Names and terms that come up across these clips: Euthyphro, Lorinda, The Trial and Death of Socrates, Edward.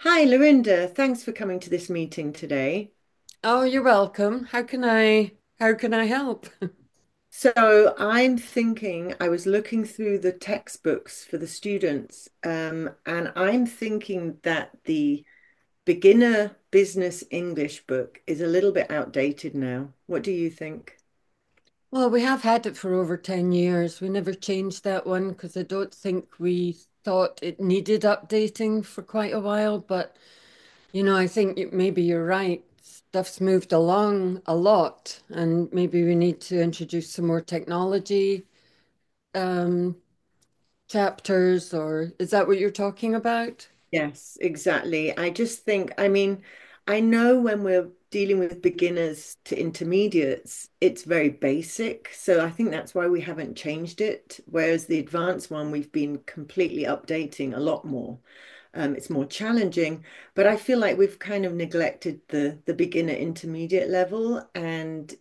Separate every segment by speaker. Speaker 1: Hi, Lorinda. Thanks for coming to this meeting today.
Speaker 2: Oh, you're welcome. How can I help?
Speaker 1: So, I'm thinking, I was looking through the textbooks for the students, and I'm thinking that the beginner business English book is a little bit outdated now. What do you think?
Speaker 2: Well, we have had it for over 10 years. We never changed that one because I don't think we thought it needed updating for quite a while, but you know, I think maybe you're right. Stuff's moved along a lot, and maybe we need to introduce some more technology um chapters. Or is that what you're talking about?
Speaker 1: Yes, exactly. I just think, I mean, I know when we're dealing with beginners to intermediates, it's very basic. So I think that's why we haven't changed it. Whereas the advanced one, we've been completely updating a lot more. It's more challenging, but I feel like we've kind of neglected the beginner intermediate level. And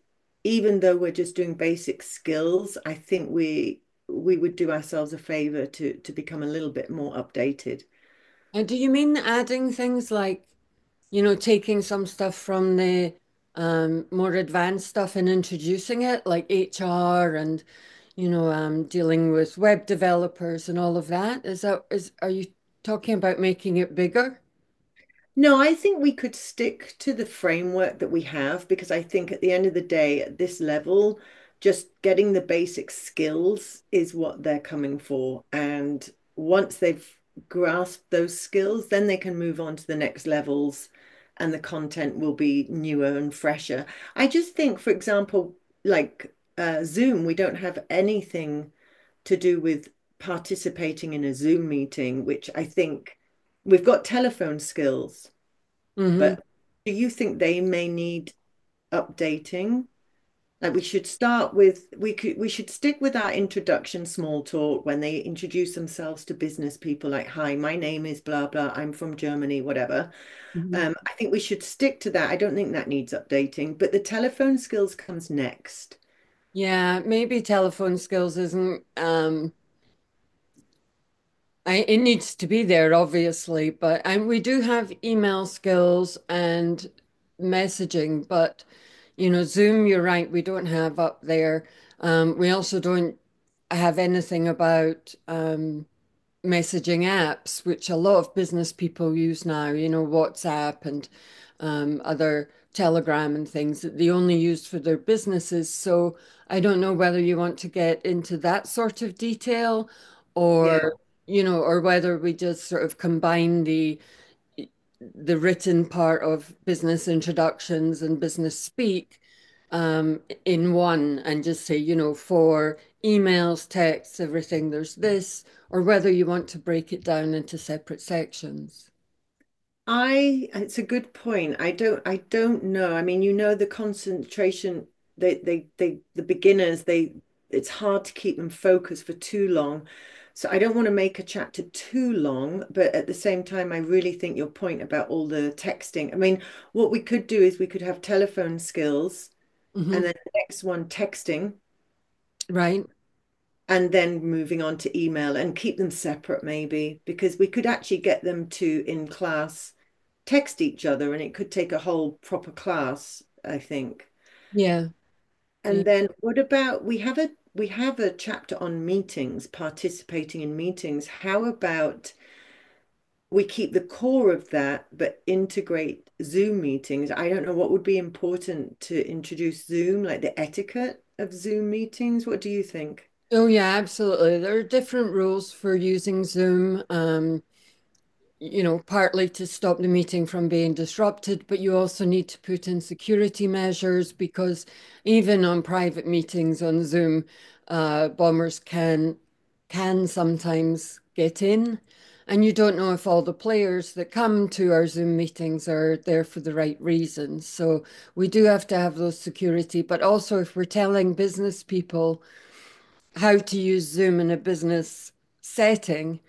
Speaker 1: even though we're just doing basic skills, I think we would do ourselves a favor to become a little bit more updated.
Speaker 2: And do you mean adding things like, you know, taking some stuff from the more advanced stuff and introducing it, like HR and, you know, dealing with web developers and all of that. Is that is Are you talking about making it bigger?
Speaker 1: No, I think we could stick to the framework that we have because I think at the end of the day, at this level, just getting the basic skills is what they're coming for. And once they've grasped those skills, then they can move on to the next levels and the content will be newer and fresher. I just think, for example, like Zoom, we don't have anything to do with participating in a Zoom meeting, which I think we've got telephone skills,
Speaker 2: Hmm.
Speaker 1: but do you think they may need updating? Like we should start with we could we should stick with our introduction small talk when they introduce themselves to business people, like hi, my name is blah blah, I'm from Germany, whatever.
Speaker 2: Hmm.
Speaker 1: I think we should stick to that. I don't think that needs updating, but the telephone skills comes next.
Speaker 2: Yeah, maybe telephone skills isn't it needs to be there, obviously, but. And we do have email skills and messaging, but you know, Zoom, you're right, we don't have up there. We also don't have anything about messaging apps, which a lot of business people use now, you know, WhatsApp and other Telegram and things that they only use for their businesses. So I don't know whether you want to get into that sort of detail
Speaker 1: Yeah,
Speaker 2: or, you know, or whether we just sort of combine the written part of business introductions and business speak in one and just say, you know, for emails, texts, everything, there's this, or whether you want to break it down into separate sections.
Speaker 1: I, it's a good point. I don't know. I mean, you know, the concentration, the beginners, they, it's hard to keep them focused for too long. So I don't want to make a chapter too long, but at the same time, I really think your point about all the texting. I mean, what we could do is we could have telephone skills
Speaker 2: Hmm.
Speaker 1: and then the next one texting
Speaker 2: Right?
Speaker 1: and then moving on to email and keep them separate maybe, because we could actually get them to in class text each other, and it could take a whole proper class, I think.
Speaker 2: Yeah.
Speaker 1: And
Speaker 2: Yeah.
Speaker 1: then what about we have a chapter on meetings, participating in meetings. How about we keep the core of that, but integrate Zoom meetings? I don't know what would be important to introduce Zoom, like the etiquette of Zoom meetings. What do you think?
Speaker 2: Oh, yeah, absolutely. There are different rules for using Zoom. You know, partly to stop the meeting from being disrupted, but you also need to put in security measures because even on private meetings on Zoom, bombers can sometimes get in, and you don't know if all the players that come to our Zoom meetings are there for the right reasons. So we do have to have those security, but also if we're telling business people how to use Zoom in a business setting,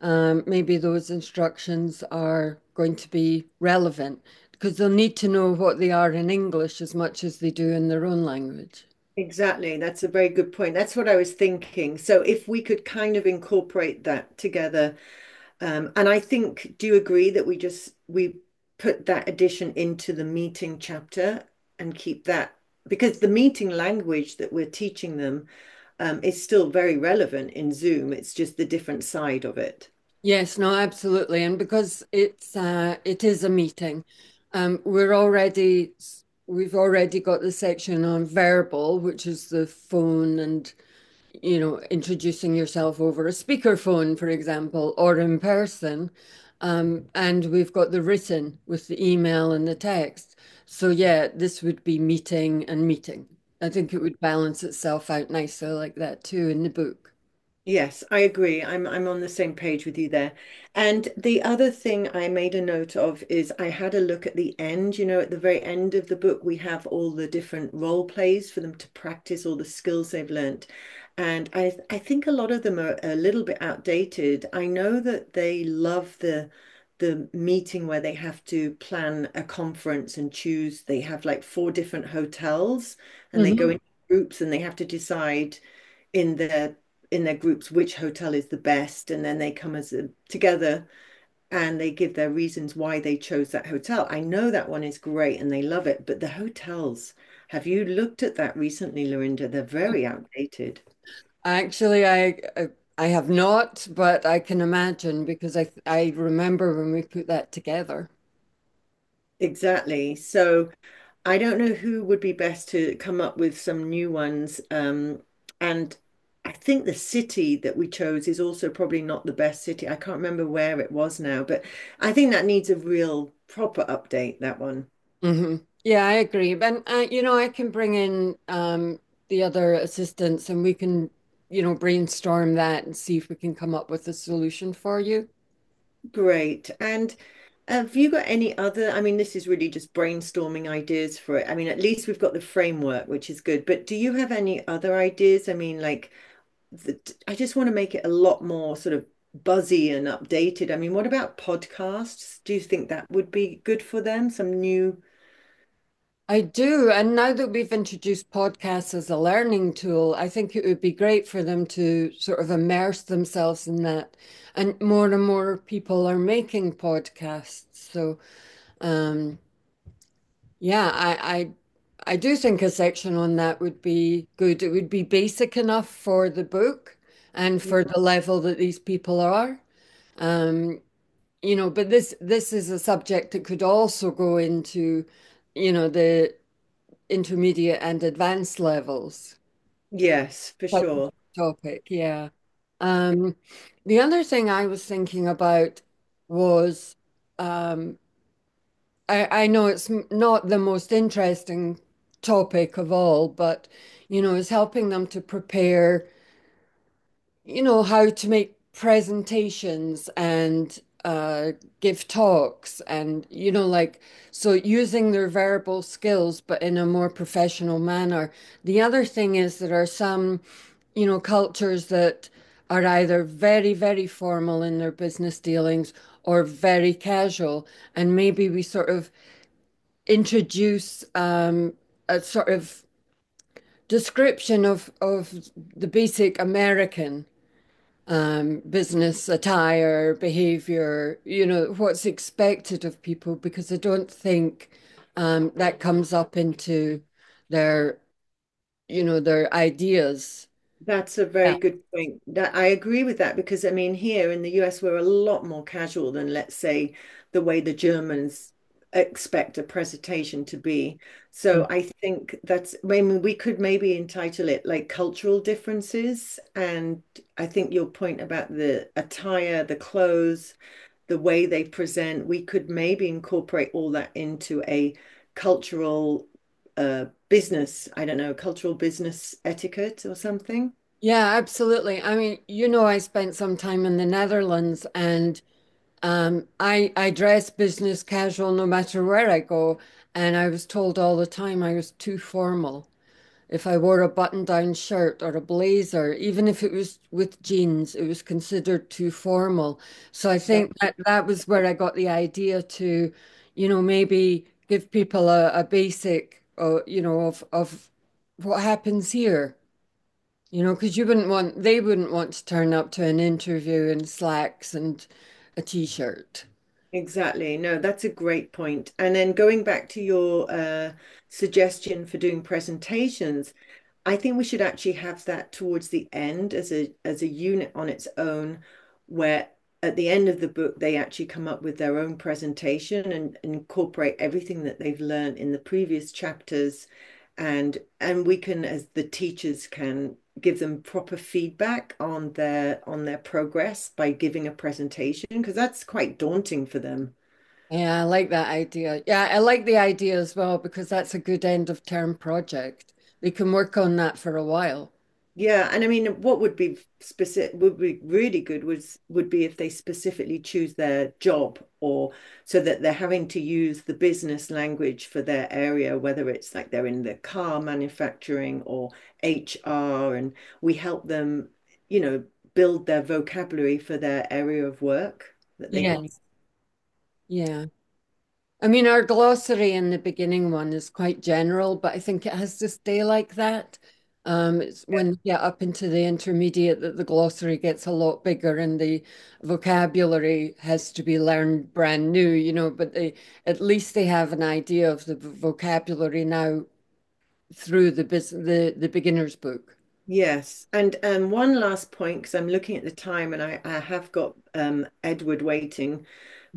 Speaker 2: maybe those instructions are going to be relevant because they'll need to know what they are in English as much as they do in their own language.
Speaker 1: Exactly. That's a very good point. That's what I was thinking. So if we could kind of incorporate that together. And I think, do you agree that we put that addition into the meeting chapter and keep that, because the meeting language that we're teaching them is still very relevant in Zoom. It's just the different side of it.
Speaker 2: Yes, no, absolutely. And because it is a meeting, um, we're already we've already got the section on verbal, which is the phone and, you know, introducing yourself over a speakerphone, for example, or in person. And we've got the written with the email and the text. So, yeah, this would be meeting and meeting. I think it would balance itself out nicely like that too in the book.
Speaker 1: Yes, I agree. I'm on the same page with you there. And the other thing I made a note of is I had a look at the end, you know, at the very end of the book, we have all the different role plays for them to practice all the skills they've learnt. And I think a lot of them are a little bit outdated. I know that they love the meeting where they have to plan a conference and choose. They have like four different hotels, and they go
Speaker 2: Hmm.
Speaker 1: in groups, and they have to decide in their groups which hotel is the best, and then they come as a, together, and they give their reasons why they chose that hotel. I know that one is great and they love it, but the hotels, have you looked at that recently, Lorinda? They're very outdated.
Speaker 2: Actually, I have not, but I can imagine because I remember when we put that together.
Speaker 1: Exactly. So I don't know who would be best to come up with some new ones. And I think the city that we chose is also probably not the best city. I can't remember where it was now, but I think that needs a real proper update, that one.
Speaker 2: Hmm. Yeah, I agree. And you know, I can bring in the other assistants, and we can, you know, brainstorm that and see if we can come up with a solution for you.
Speaker 1: Great. And have you got any other? I mean, this is really just brainstorming ideas for it. I mean, at least we've got the framework, which is good. But do you have any other ideas? I mean, like, the, I just want to make it a lot more sort of buzzy and updated. I mean, what about podcasts? Do you think that would be good for them? Some new,
Speaker 2: I do. And now that we've introduced podcasts as a learning tool, I think it would be great for them to sort of immerse themselves in that. And more people are making podcasts. So, um, yeah, I do think a section on that would be good. It would be basic enough for the book and for the level that these people are. Um, you know, but this is a subject that could also go into, you know, the intermediate and advanced levels
Speaker 1: yes, for
Speaker 2: type of
Speaker 1: sure.
Speaker 2: topic. Yeah. Um, the other thing I was thinking about was um, I know it's not the most interesting topic of all, but you know, it's helping them to prepare, you know, how to make presentations and uh, give talks and, you know, like, so using their verbal skills, but in a more professional manner. The other thing is there are some, you know, cultures that are either very, very formal in their business dealings or very casual. And maybe we sort of introduce a sort of description of the basic American business attire, behavior, you know, what's expected of people, because I don't think that comes up into their, you know, their ideas.
Speaker 1: That's a very good point. That, I agree with that, because I mean here in the US we're a lot more casual than, let's say, the way the Germans expect a presentation to be. So I think that's, I mean we could maybe entitle it like cultural differences, and I think your point about the attire, the clothes, the way they present, we could maybe incorporate all that into a cultural business, I don't know, cultural business etiquette or something.
Speaker 2: Yeah, absolutely. I mean, you know, I spent some time in the Netherlands and I dress business casual no matter where I go, and I was told all the time I was too formal. If I wore a button-down shirt or a blazer, even if it was with jeans, it was considered too formal. So I
Speaker 1: Yeah,
Speaker 2: think that that was where I got the idea to, you know, maybe give people a basic, you know, of what happens here. You know, because you wouldn't want, they wouldn't want to turn up to an interview in slacks and a t-shirt.
Speaker 1: exactly. No, that's a great point. And then going back to your suggestion for doing presentations, I think we should actually have that towards the end as a unit on its own, where at the end of the book they actually come up with their own presentation, and incorporate everything that they've learned in the previous chapters, and we can as the teachers can give them proper feedback on their progress by giving a presentation, because that's quite daunting for them.
Speaker 2: Yeah, I like that idea. Yeah, I like the idea as well because that's a good end of term project. We can work on that for a while.
Speaker 1: Yeah, and I mean, what would be specific would be really good was would be if they specifically choose their job, or so that they're having to use the business language for their area, whether it's like they're in the car manufacturing or HR, and we help them, you know, build their vocabulary for their area of work that they
Speaker 2: Yeah.
Speaker 1: can.
Speaker 2: Yeah. I mean, our glossary in the beginning one is quite general, but I think it has to stay like that. It's when you get up into the intermediate that the glossary gets a lot bigger and the vocabulary has to be learned brand new, you know, but they at least they have an idea of the vocabulary now through the, beginner's book.
Speaker 1: Yes, and one last point, because I'm looking at the time and I have got Edward waiting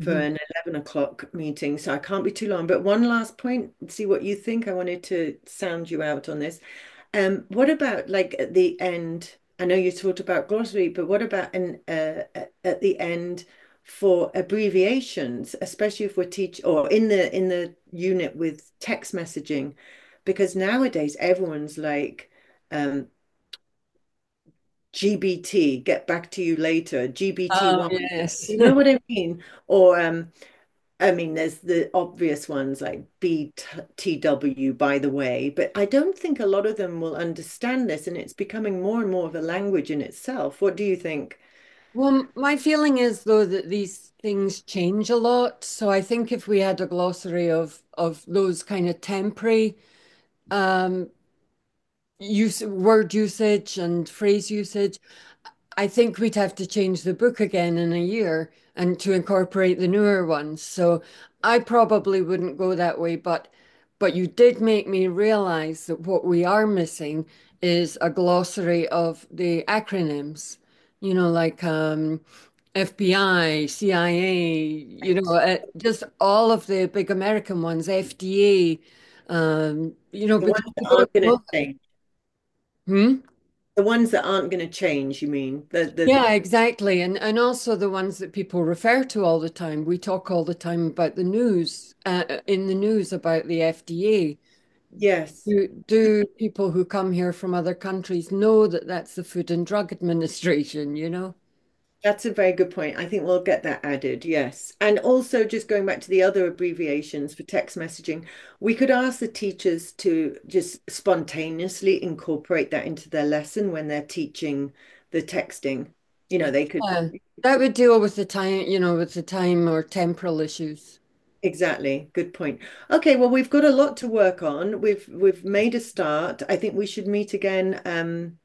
Speaker 1: for an 11 o'clock meeting, so I can't be too long. But one last point, see what you think. I wanted to sound you out on this. What about, like, at the end? I know you talked about glossary, but what about an at the end for abbreviations, especially if we're teach or in the unit with text messaging, because nowadays everyone's like um, GBT, get back to you later, GBT
Speaker 2: Oh,
Speaker 1: one.
Speaker 2: yes.
Speaker 1: You know what I mean? Or I mean, there's the obvious ones like BTW, by the way, but I don't think a lot of them will understand this, and it's becoming more and more of a language in itself. What do you think?
Speaker 2: Well, my feeling is though that these things change a lot. So I think if we had a glossary of those kind of temporary um use word usage and phrase usage, I think we'd have to change the book again in a year and to incorporate the newer ones. So I probably wouldn't go that way, but you did make me realize that what we are missing is a glossary of the acronyms, you know, like FBI, CIA, you
Speaker 1: Like,
Speaker 2: know, just all of the big American ones, FDA, you know,
Speaker 1: the
Speaker 2: because
Speaker 1: ones that
Speaker 2: we don't
Speaker 1: aren't going to
Speaker 2: know
Speaker 1: change,
Speaker 2: them. Hmm?
Speaker 1: the ones that aren't going to change, you mean? The
Speaker 2: Yeah, exactly. And also the ones that people refer to all the time. We talk all the time about the news, in the news about the FDA.
Speaker 1: yes.
Speaker 2: Do people who come here from other countries know that that's the Food and Drug Administration, you know?
Speaker 1: That's a very good point. I think we'll get that added, yes. And also, just going back to the other abbreviations for text messaging, we could ask the teachers to just spontaneously incorporate that into their lesson when they're teaching the texting. You know, they could,
Speaker 2: Yeah. That would deal with the time, you know, with the time or temporal issues.
Speaker 1: exactly. Good point. Okay, well, we've got a lot to work on. We've made a start. I think we should meet again,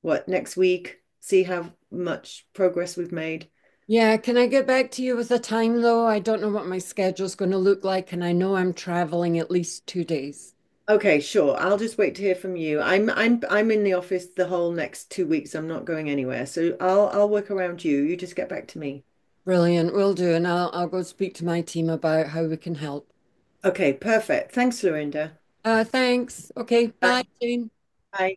Speaker 1: what, next week, see how much progress we've made.
Speaker 2: Yeah, can I get back to you with a time though? I don't know what my schedule's going to look like, and I know I'm traveling at least 2 days.
Speaker 1: Okay, sure. I'll just wait to hear from you. I'm in the office the whole next 2 weeks. I'm not going anywhere. So I'll work around you. You just get back to me.
Speaker 2: Brilliant, will do, and I'll go speak to my team about how we can help.
Speaker 1: Okay, perfect. Thanks, Lorinda.
Speaker 2: Thanks. Okay, bye,
Speaker 1: Bye.
Speaker 2: Jane.
Speaker 1: Bye.